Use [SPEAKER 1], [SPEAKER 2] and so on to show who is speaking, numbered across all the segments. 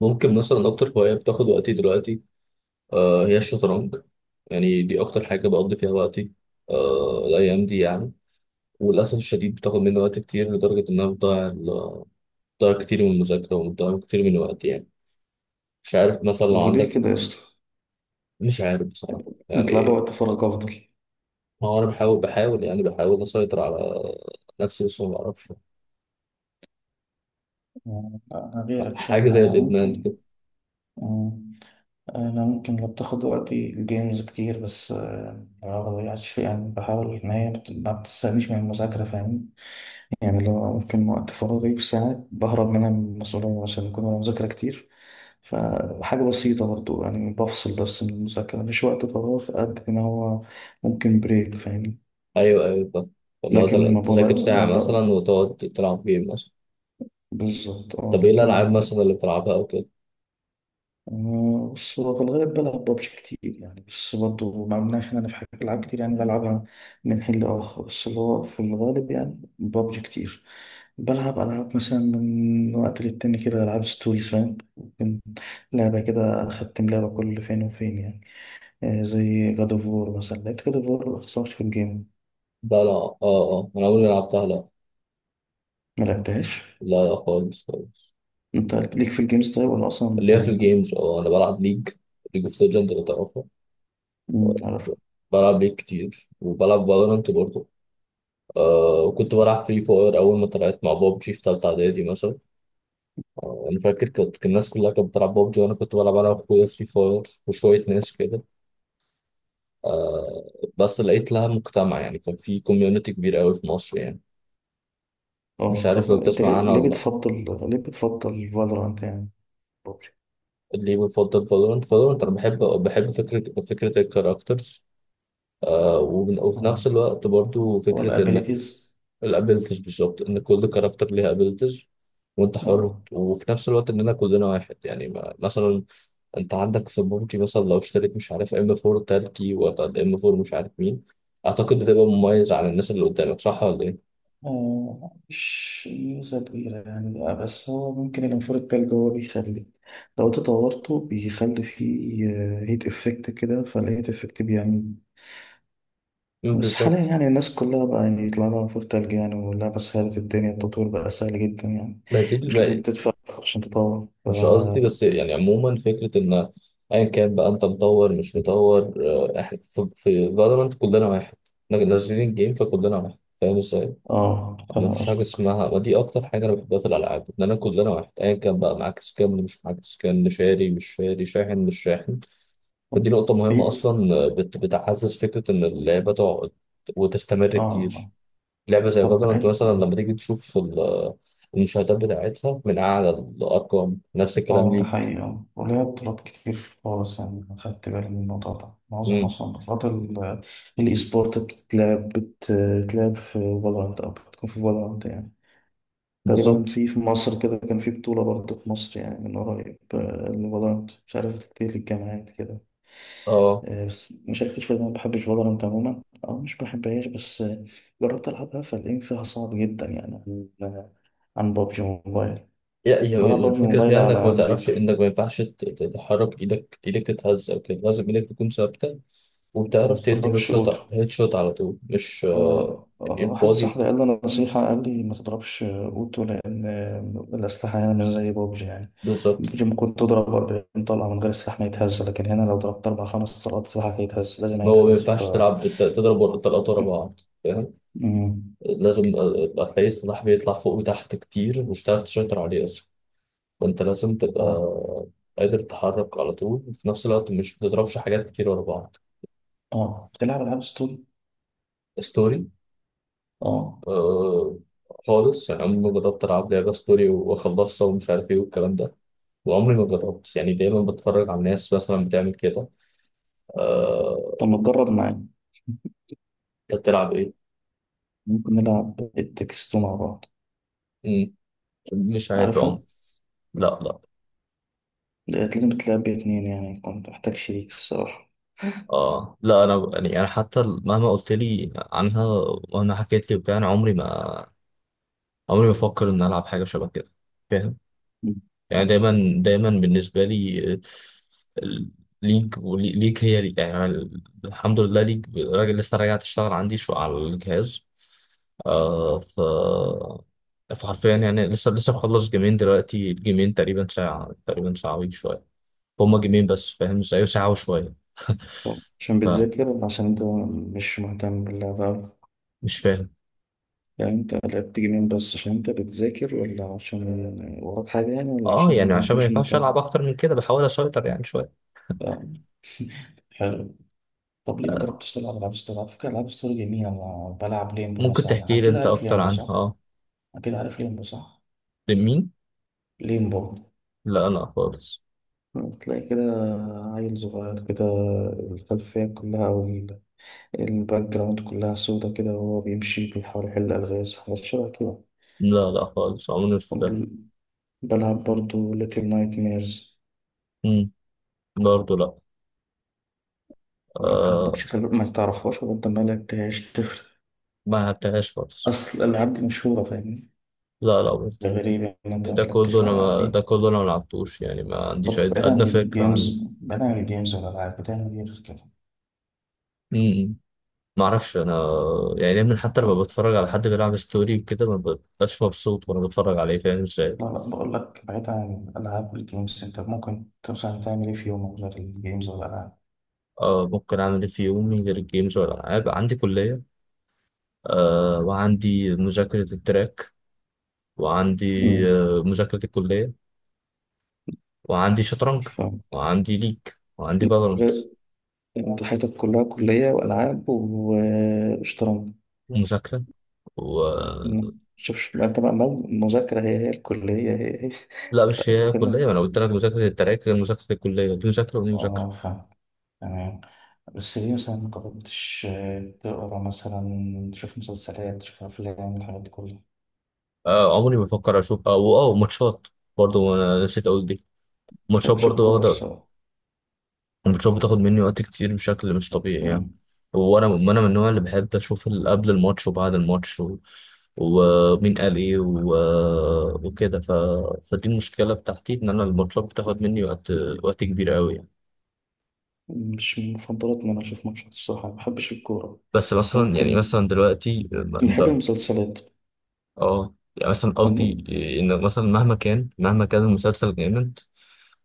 [SPEAKER 1] ممكن مثلا أكتر هواية بتاخد وقتي دلوقتي. آه، هي الشطرنج. يعني دي أكتر حاجة بقضي فيها وقتي، آه الأيام دي يعني. وللأسف الشديد بتاخد مني وقت كتير لدرجة إنها بتضيع كتير من المذاكرة وبتضيع كتير من وقتي يعني. مش عارف مثلا لو
[SPEAKER 2] طب وليه
[SPEAKER 1] عندك.
[SPEAKER 2] كده يا اسطى؟
[SPEAKER 1] مش عارف بصراحة
[SPEAKER 2] نطلع
[SPEAKER 1] يعني.
[SPEAKER 2] وقت فراغ افضل.
[SPEAKER 1] ما هو أنا بحاول بحاول يعني بحاول أسيطر على نفسي، بس ما بعرفش.
[SPEAKER 2] آه، أنا غيرك شوية،
[SPEAKER 1] حاجة زي
[SPEAKER 2] أنا
[SPEAKER 1] الإدمان
[SPEAKER 2] ممكن،
[SPEAKER 1] كده.
[SPEAKER 2] آه، أنا ممكن لو بتاخد وقتي الجيمز كتير بس آه، ما بضيعش فيه، يعني بحاول إن هي ما بتستنيش من المذاكرة، فاهمني؟ يعني لو ممكن وقت فراغي بساعات بهرب منها من المسؤولية مثلا، بكون أنا مذاكرة كتير، فحاجة بسيطة برضو يعني بفصل بس من المذاكرة، مش وقت فراغ قد ما هو ممكن بريك، فاهمني؟
[SPEAKER 1] أيوه أيوه فاهم. والله
[SPEAKER 2] لكن ما بضيع
[SPEAKER 1] تذاكر
[SPEAKER 2] ما
[SPEAKER 1] ساعة مثلا
[SPEAKER 2] ب...
[SPEAKER 1] وتقعد تلعب جيم مثلا.
[SPEAKER 2] بالظبط اه،
[SPEAKER 1] طب إيه الألعاب
[SPEAKER 2] لكن
[SPEAKER 1] مثلا اللي بتلعبها أو كده؟
[SPEAKER 2] آه، بص هو في الغالب بلعب ببجي كتير يعني، بس برضه ما عملناش إن أنا في حاجة، ألعاب كتير يعني بلعبها من حين لآخر، بس اللي هو في الغالب يعني ببجي كتير. بلعب ألعاب مثلا من وقت للتاني كده، ألعاب ستوريز فاهم، ممكن لعبة كده، أختم لعبة كل فين وفين يعني. آه، زي جاد أوف وور مثلا، لعبت جاد أوف وور مخلصتهاش في الجيم.
[SPEAKER 1] لا لا اه اه، انا عمري ما لعبتها، لا.
[SPEAKER 2] ما لعبتهاش.
[SPEAKER 1] لا لا خالص خالص.
[SPEAKER 2] أنت ليك في الجيمز طيب ولا أصلا
[SPEAKER 1] اللي هي في الجيمز، اه انا بلعب ليج، ليج اوف ليجند لو تعرفها.
[SPEAKER 2] ما تعرف؟
[SPEAKER 1] بلعب ليج كتير وبلعب فالورانت برضه. آه، وكنت بلعب فري فاير اول ما طلعت مع بابجي في تالتة اعدادي مثلا. آه انا فاكر كنت، كان الناس كلها كانت بتلعب بابجي وانا كنت بلعب انا واخويا فري فاير وشوية ناس كده، آه. بس لقيت لها مجتمع، يعني كان في كوميونتي كبير قوي في مصر يعني. مش
[SPEAKER 2] اه
[SPEAKER 1] عارف
[SPEAKER 2] طب
[SPEAKER 1] لو
[SPEAKER 2] أنت ليه
[SPEAKER 1] تسمع عنها
[SPEAKER 2] ليه
[SPEAKER 1] ولا لا.
[SPEAKER 2] بتفضل؟ ليه بتفضل فالورانت يعني؟
[SPEAKER 1] ليه بفضل فالورانت؟ فالورانت انا بحب بحب فكرة فكرة الكاركترز، وفي
[SPEAKER 2] اه
[SPEAKER 1] نفس الوقت برضو فكرة انك.
[SPEAKER 2] والابيليتيز.
[SPEAKER 1] الابيلتيز بالظبط، ان كل كاركتر ليها ابيلتيز، وانت حر،
[SPEAKER 2] اه
[SPEAKER 1] وفي نفس الوقت اننا كلنا واحد يعني. ما مثلا انت عندك في بابجي مثلا، لو اشتريت مش عارف ام 4 تركي ولا الام 4 مش عارف مين، اعتقد بتبقى مميز عن الناس اللي قدامك، صح ولا ايه؟
[SPEAKER 2] آه، مش ميزة كبيرة يعني، آه، بس هو ممكن الانفور التلج هو بيخلي، لو تطورته بيخلي فيه هيت افكت كده، فالهيت افكت بيعمل.
[SPEAKER 1] مم،
[SPEAKER 2] بس حاليا
[SPEAKER 1] بالظبط.
[SPEAKER 2] يعني الناس كلها بقى يعني يطلع لها انفور تلج يعني، واللعبة سهلت الدنيا، التطوير بقى سهل جدا يعني،
[SPEAKER 1] ما دي
[SPEAKER 2] مش لازم
[SPEAKER 1] الب-
[SPEAKER 2] تدفع عشان تطور ف.
[SPEAKER 1] مش قصدي، بس يعني عموما فكرة ان ايا كان بقى انت مطور مش مطور، احنا في فالورانت كلنا واحد. نازلين الجيم فكلنا واحد، فاهم ازاي؟
[SPEAKER 2] اه
[SPEAKER 1] ما
[SPEAKER 2] فاهم
[SPEAKER 1] فيش حاجة
[SPEAKER 2] قصدك.
[SPEAKER 1] اسمها. ودي أكتر حاجة أنا بحبها في الألعاب، إن أنا كلنا واحد، أيا كان بقى معاك سكان اللي مش معاك سكان، شاري مش شاري، شاحن مش شاحن.
[SPEAKER 2] طب
[SPEAKER 1] فدي نقطة مهمة
[SPEAKER 2] بعيد.
[SPEAKER 1] أصلا، بتعزز فكرة إن اللعبة تقعد وتستمر
[SPEAKER 2] اه
[SPEAKER 1] كتير.
[SPEAKER 2] آه.
[SPEAKER 1] لعبة زي
[SPEAKER 2] طب
[SPEAKER 1] فالورانت أنت
[SPEAKER 2] بعيد.
[SPEAKER 1] مثلا لما تيجي تشوف المشاهدات بتاعتها من أعلى الأرقام، نفس الكلام
[SPEAKER 2] اه ده
[SPEAKER 1] ليك.
[SPEAKER 2] حقيقي اه، وليا بطولات كتير خالص يعني، خدت بالي من الموضوع ده، معظم
[SPEAKER 1] مم.
[SPEAKER 2] اصلا بطولات الاي سبورت بتتلعب في فالورانت، او بتكون في فالورانت يعني. تقريبا
[SPEAKER 1] بالظبط.
[SPEAKER 2] في مصر كده كان في بطولة برضه في مصر يعني من قريب، آه، لفالورانت، مش عارف كتير في الجامعات كده.
[SPEAKER 1] أه،
[SPEAKER 2] آه، بس ما شاركتش في، ما بحبش فالورانت عموما او مش بحبهاش، بس آه، جربت العبها فالإيم فيها صعب جدا يعني، عن، عن بابجي موبايل.
[SPEAKER 1] يعني هي،
[SPEAKER 2] بلعب بابجي
[SPEAKER 1] الفكرة
[SPEAKER 2] موبايل
[SPEAKER 1] فيها إنك
[SPEAKER 2] على
[SPEAKER 1] ما تعرفش،
[SPEAKER 2] ايميليتور
[SPEAKER 1] إنك ما ينفعش تتحرك، إيدك إيدك تتهز أو كده، لازم إيدك تكون ثابتة. وبتعرف تدي
[SPEAKER 2] ومضربش
[SPEAKER 1] هيد
[SPEAKER 2] اوتو.
[SPEAKER 1] شوت، هيد شوت على طول مش
[SPEAKER 2] آه آه،
[SPEAKER 1] يعني
[SPEAKER 2] واحد
[SPEAKER 1] البادي.
[SPEAKER 2] صاحبي قال لي نصيحة، قال لي ما تضربش أوتو لأن الأسلحة هنا مش زي بوبجي يعني.
[SPEAKER 1] بالظبط.
[SPEAKER 2] بوبجي ممكن تضرب 40 طلقة من غير السلاح ما يتهز، لكن هنا لو ضربت أربع خمس طلقات سلاحك هيتهز، لازم
[SPEAKER 1] ما هو ما
[SPEAKER 2] هيتهز ف.
[SPEAKER 1] ينفعش تلعب تضرب ورا، التلاتة ورا بعض فاهم.
[SPEAKER 2] مم.
[SPEAKER 1] لازم هتلاقي السلاح بيطلع فوق وتحت كتير، مش هتعرف تسيطر عليه أصلا. فأنت لازم تبقى
[SPEAKER 2] اه
[SPEAKER 1] قادر تتحرك على طول، وفي نفس الوقت مش بتضربش حاجات كتير ورا بعض.
[SPEAKER 2] اه. بتلعب ألعاب ستوري؟
[SPEAKER 1] ستوري.
[SPEAKER 2] اه
[SPEAKER 1] آه. خالص يعني، عمري ما جربت ألعب لعبة ستوري وأخلصها، ومش عارف إيه والكلام ده. وعمري ما جربت، يعني دايما بتفرج على الناس مثلا بتعمل كده، آه،
[SPEAKER 2] طب ما تجرب معايا؟
[SPEAKER 1] انت بتلعب ايه؟
[SPEAKER 2] ممكن نلعب التكستو مع بعض.
[SPEAKER 1] مم. مش عارف يا عمر.
[SPEAKER 2] عارفة؟
[SPEAKER 1] لا لا.
[SPEAKER 2] ديت لازم تلعب باتنين يعني، كنت محتاج شريك الصراحة.
[SPEAKER 1] اه لا، انا يعني انا حتى مهما قلت لي عنها، مهما حكيت لي وبتاع، انا عمري ما، عمري ما افكر ان العب حاجه شبه كده، فاهم.
[SPEAKER 2] مم.
[SPEAKER 1] يعني
[SPEAKER 2] طب-
[SPEAKER 1] دايما، دايما بالنسبه لي ال- ليج ليج هي ليج. يعني أنا الحمد لله ليج راجل، لسه راجع تشتغل عندي شو على الجهاز، آه. ف، فحرفيا يعني لسه لسه مخلص جيمين دلوقتي، الجيمين تقريبا ساعة، تقريبا ساعة وشوية. هما جيمين بس فاهم ازاي؟ ساعة وشوية.
[SPEAKER 2] طب، عشان بتذاكر ولا عشان انت مش مهتم باللعبة أوي؟
[SPEAKER 1] مش فاهم.
[SPEAKER 2] يعني انت لعبت جيمين بس عشان انت بتذاكر، ولا عشان وراك حاجة يعني، ولا
[SPEAKER 1] اه يعني
[SPEAKER 2] عشان
[SPEAKER 1] عشان
[SPEAKER 2] انت
[SPEAKER 1] ما
[SPEAKER 2] مش
[SPEAKER 1] ينفعش
[SPEAKER 2] مهتم؟
[SPEAKER 1] العب اكتر من كده، بحاول اسيطر يعني شويه.
[SPEAKER 2] آه، حلو. طب ليه ما
[SPEAKER 1] آه،
[SPEAKER 2] جربتش تلعب ألعاب ستوري؟ على فكرة ألعاب ستوري جميلة، أنا بلعب ليمبو
[SPEAKER 1] ممكن
[SPEAKER 2] مثلا،
[SPEAKER 1] تحكي لي
[SPEAKER 2] أكيد
[SPEAKER 1] انت
[SPEAKER 2] عارف
[SPEAKER 1] اكتر
[SPEAKER 2] ليمبو
[SPEAKER 1] عنها،
[SPEAKER 2] صح؟
[SPEAKER 1] اه.
[SPEAKER 2] أكيد عارف ليمبو صح؟
[SPEAKER 1] لمين؟
[SPEAKER 2] ليمبو،
[SPEAKER 1] لا لا خالص.
[SPEAKER 2] تلاقي كده عيل صغير كده، الخلفية كلها أو الباك جراوند كلها سودا كده، وهو بيمشي بيحاول يحل ألغاز، حاجات شبه كده.
[SPEAKER 1] لا لا خالص، عمري ما شفتها.
[SPEAKER 2] وبل- بلعب برضو ليتل نايت ميرز.
[SPEAKER 1] امم. برضه لا.
[SPEAKER 2] لا انت ما
[SPEAKER 1] آه،
[SPEAKER 2] عندكش خبرة ما تعرفهاش، ولا انت ما لعبتهاش تفرق؟
[SPEAKER 1] ما لعبتهاش خالص.
[SPEAKER 2] اصل الالعاب دي مشهورة فاهمني.
[SPEAKER 1] لا لا برضه.
[SPEAKER 2] ده غريب ان انت ما لعبتش الالعاب دي.
[SPEAKER 1] ده كله انا ما لعبتوش يعني، ما عنديش
[SPEAKER 2] طب بعيد عن
[SPEAKER 1] ادنى فكره عنه.
[SPEAKER 2] الجيمز، بعيد عن الجيمز والالعاب، بتعمل ايه غير كده؟
[SPEAKER 1] امم. ما اعرفش انا. يعني دايما حتى لما
[SPEAKER 2] لا
[SPEAKER 1] بتفرج على حد بيلعب ستوري وكده، ما ببقاش مبسوط وانا بتفرج عليه، فاهم ازاي.
[SPEAKER 2] لا، بقول لك بعيد عن الالعاب والجيمز، انت ممكن مثلا تعمل ايه في يوم غير الجيمز والالعاب؟
[SPEAKER 1] آه، ممكن اعمل ايه في يومي غير الجيمز والالعاب؟ عندي كليه، آه، وعندي مذاكرة التراك، وعندي،
[SPEAKER 2] امم
[SPEAKER 1] آه، مذاكرة الكلية، وعندي شطرنج،
[SPEAKER 2] فاهم.
[SPEAKER 1] وعندي ليج، وعندي فالورانت،
[SPEAKER 2] غير، انت حياتك كلها كلية والعاب و- وشطرنج.
[SPEAKER 1] ومذاكرة، و.
[SPEAKER 2] امم. شوف شوف انت بقى، مذاكرة هي هي، الكلية هي هي.
[SPEAKER 1] لا مش
[SPEAKER 2] لا
[SPEAKER 1] هي
[SPEAKER 2] بتكلم،
[SPEAKER 1] كلية، ما أنا قلت لك مذاكرة التراك غير مذاكرة الكلية، دي مذاكرة ودي مذاكرة.
[SPEAKER 2] اه فاهم تمام. بس ليه مثلا ما جربتش آه، تقرا مثلا، تشوف مسلسلات، تشوف أفلام، الحاجات دي كلها. ما
[SPEAKER 1] آه، عمري ما بفكر أشوف أو أو ماتشات. برضه أنا نسيت أقول دي، ماتشات
[SPEAKER 2] بحبش
[SPEAKER 1] برضه
[SPEAKER 2] الكورة
[SPEAKER 1] واخدة.
[SPEAKER 2] الصراحة.
[SPEAKER 1] الماتشات بتاخد مني وقت كتير بشكل مش طبيعي يعني.
[SPEAKER 2] مم.
[SPEAKER 1] وانا انا من النوع اللي بحب اشوف قبل الماتش وبعد الماتش، و... ومين قال ايه، و... وكده. ف... فدي المشكله بتاعتي، ان انا الماتشات بتاخد مني وقت، وقت كبير قوي يعني.
[SPEAKER 2] مش من مفضلاتي إن أنا أشوف ماتشات الصراحة، ما بحبش الكورة،
[SPEAKER 1] بس
[SPEAKER 2] بس
[SPEAKER 1] مثلا، يعني
[SPEAKER 2] ممكن
[SPEAKER 1] مثلا دلوقتي ما انت،
[SPEAKER 2] بحب المسلسلات
[SPEAKER 1] اه يعني مثلا قصدي
[SPEAKER 2] لأن-
[SPEAKER 1] ان مثلا مهما كان، مهما كان المسلسل جامد.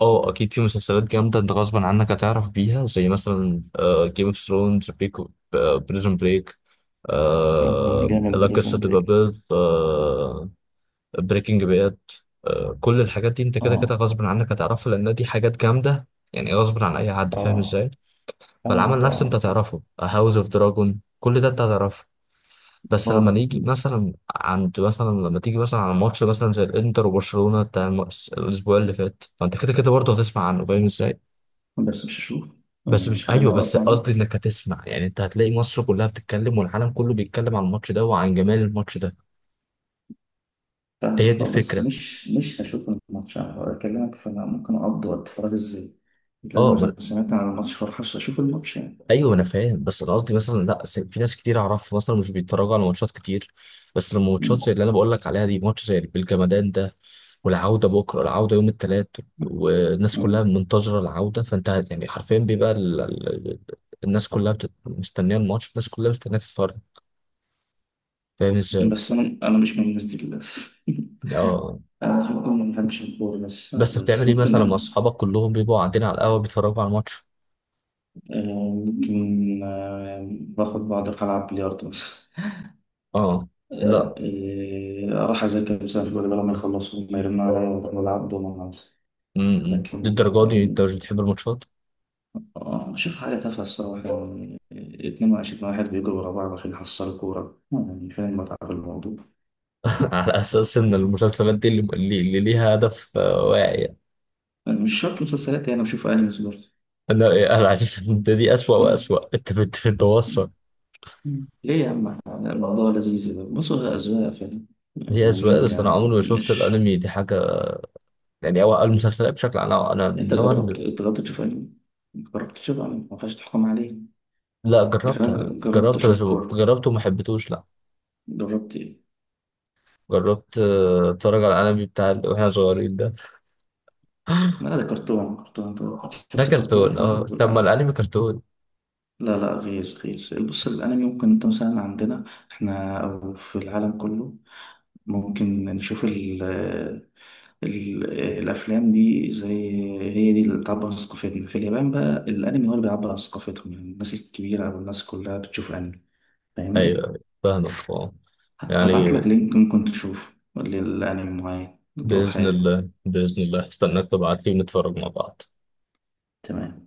[SPEAKER 1] اه اكيد في مسلسلات جامده انت غصبا عنك هتعرف بيها، زي مثلا جيم اوف ثرونز، بريزون بريك.
[SPEAKER 2] مم،
[SPEAKER 1] آه،
[SPEAKER 2] جامد
[SPEAKER 1] لا قصة
[SPEAKER 2] بريزون
[SPEAKER 1] تبقى
[SPEAKER 2] بريك.
[SPEAKER 1] بيض آه. بريكنج باد. آه كل الحاجات دي انت كده كده
[SPEAKER 2] اه
[SPEAKER 1] غصب عنك هتعرفها، لان دي حاجات جامدة يعني، غصب عن اي حد، فاهم
[SPEAKER 2] اه
[SPEAKER 1] ازاي. فالعمل
[SPEAKER 2] فاهمك
[SPEAKER 1] نفسه انت
[SPEAKER 2] اه.
[SPEAKER 1] هتعرفه، هاوس اوف دراجون، كل ده انت هتعرفه. بس لما نيجي
[SPEAKER 2] بقعد-
[SPEAKER 1] مثلا عند مثلا، لما تيجي مثلا على ماتش مثلا زي الانتر وبرشلونة بتاع الاسبوع اللي فات، فانت كده كده برضه هتسمع عنه، فاهم ازاي.
[SPEAKER 2] بس مش هشوف، يعني
[SPEAKER 1] بس مش،
[SPEAKER 2] مش
[SPEAKER 1] ايوه
[SPEAKER 2] هضيع
[SPEAKER 1] بس
[SPEAKER 2] وقت عليه.
[SPEAKER 1] قصدي انك هتسمع، يعني انت هتلاقي مصر كلها بتتكلم والعالم كله بيتكلم عن الماتش ده وعن جمال الماتش ده. هي
[SPEAKER 2] فاهمك
[SPEAKER 1] دي
[SPEAKER 2] اه، بس
[SPEAKER 1] الفكره.
[SPEAKER 2] مش هشوف الماتش، أنا بكلمك فانا ممكن اقضي وقت فراغي ازاي؟ لازم
[SPEAKER 1] اه
[SPEAKER 2] عشان
[SPEAKER 1] ما،
[SPEAKER 2] سمعت عن الماتش فرحش اشوف الماتش يعني؟
[SPEAKER 1] ايوه انا فاهم، بس انا قصدي مثلا لا س- في ناس كتير اعرفها مثلا مش بيتفرجوا على ماتشات كتير. بس لما ماتشات زي
[SPEAKER 2] مم.
[SPEAKER 1] اللي انا بقول لك عليها دي، ماتش زي بالجمدان ده، والعوده بكره، العوده يوم الثلاث، والناس
[SPEAKER 2] مم.
[SPEAKER 1] كلها منتظره العوده. فانت يعني حرفيا بيبقى ال، ال، ال-، الناس كلها مستنيه الماتش، الناس كلها مستنيه تتفرج، فاهم ازاي؟
[SPEAKER 2] بس انا مش من الناس دي للاسف.
[SPEAKER 1] اه
[SPEAKER 2] انا مش- ممكن ما بحبش الكوره بس،
[SPEAKER 1] بس
[SPEAKER 2] بس
[SPEAKER 1] بتعمل ايه مثلا مع اصحابك كلهم بيبقوا قاعدين على القهوه بيتفرجوا على الماتش؟
[SPEAKER 2] آه، ممكن آه، باخد بعض أروح العب بلياردو مثلا.
[SPEAKER 1] اه
[SPEAKER 2] آه،
[SPEAKER 1] لا.
[SPEAKER 2] آه، اروح اذاكر مثلا في بدل ما يخلصوا، ما يرنوا عليا وأروح العب دومنة مثلا،
[SPEAKER 1] م- م.
[SPEAKER 2] لكن
[SPEAKER 1] للدرجه دي انت مش
[SPEAKER 2] آه،
[SPEAKER 1] بتحب الماتشات.
[SPEAKER 2] آه، شوف حاجة تافهة الصراحة يعني، اتنين وعشرين واحد بيجروا ورا بعض عشان يحصلوا كورة، آه، يعني فين المتعة في الموضوع؟
[SPEAKER 1] على اساس ان المسلسلات دي اللي ليها هدف، واعي يعني.
[SPEAKER 2] مش شرط مسلسلات، يعني بشوف أنمي برضه.
[SPEAKER 1] انا، انا على اساس ان ده دي اسوأ، واسوأ، انت بتوصل.
[SPEAKER 2] ليه يا عم الموضوع لذيذ، بصوا هي أذواق فعلا
[SPEAKER 1] هي اسوأ،
[SPEAKER 2] وميول
[SPEAKER 1] بس انا
[SPEAKER 2] يعني،
[SPEAKER 1] عمري ما شفت
[SPEAKER 2] مش
[SPEAKER 1] الانمي دي حاجه. يعني او المسلسلات بشكل عام انا، أنا من
[SPEAKER 2] أنت
[SPEAKER 1] النوع اللي.
[SPEAKER 2] جربت؟ أنت جربت تشوف أنمي؟ جربت تشوف أنمي ما ينفعش تحكم عليه.
[SPEAKER 1] لا
[SPEAKER 2] لكن أنا
[SPEAKER 1] جربت،
[SPEAKER 2] جربت
[SPEAKER 1] جربت
[SPEAKER 2] أشوف
[SPEAKER 1] بس.
[SPEAKER 2] كورة.
[SPEAKER 1] جربت وما حبيتهوش، لا.
[SPEAKER 2] جربت إيه؟
[SPEAKER 1] جربت اتفرج على الانمي بتاع اللي واحنا صغيرين ده.
[SPEAKER 2] لا ده كرتون، كرتون أنت
[SPEAKER 1] ده
[SPEAKER 2] شفت، كرتون
[SPEAKER 1] كرتون،
[SPEAKER 2] فأنت
[SPEAKER 1] اه
[SPEAKER 2] بتقول
[SPEAKER 1] طب ما
[SPEAKER 2] عنه.
[SPEAKER 1] الانمي كرتون.
[SPEAKER 2] لا لا، غير، غير. بص الأنمي ممكن أنت مثلا، عندنا إحنا أو في العالم كله ممكن نشوف ال ال الأفلام دي، زي هي دي اللي بتعبر عن ثقافتنا، في اليابان بقى الأنمي هو اللي بيعبر عن ثقافتهم، يعني الناس الكبيرة أو الناس كلها بتشوف أنمي. فاهمني؟
[SPEAKER 1] ايوه أيوة، فاهمك اه. يعني
[SPEAKER 2] هبعت لك لينك ممكن تشوفه للأنمي معين لو
[SPEAKER 1] باذن
[SPEAKER 2] حابب.
[SPEAKER 1] الله باذن الله استناك تبعت لي ونتفرج مع بعض.
[SPEAKER 2] تمام.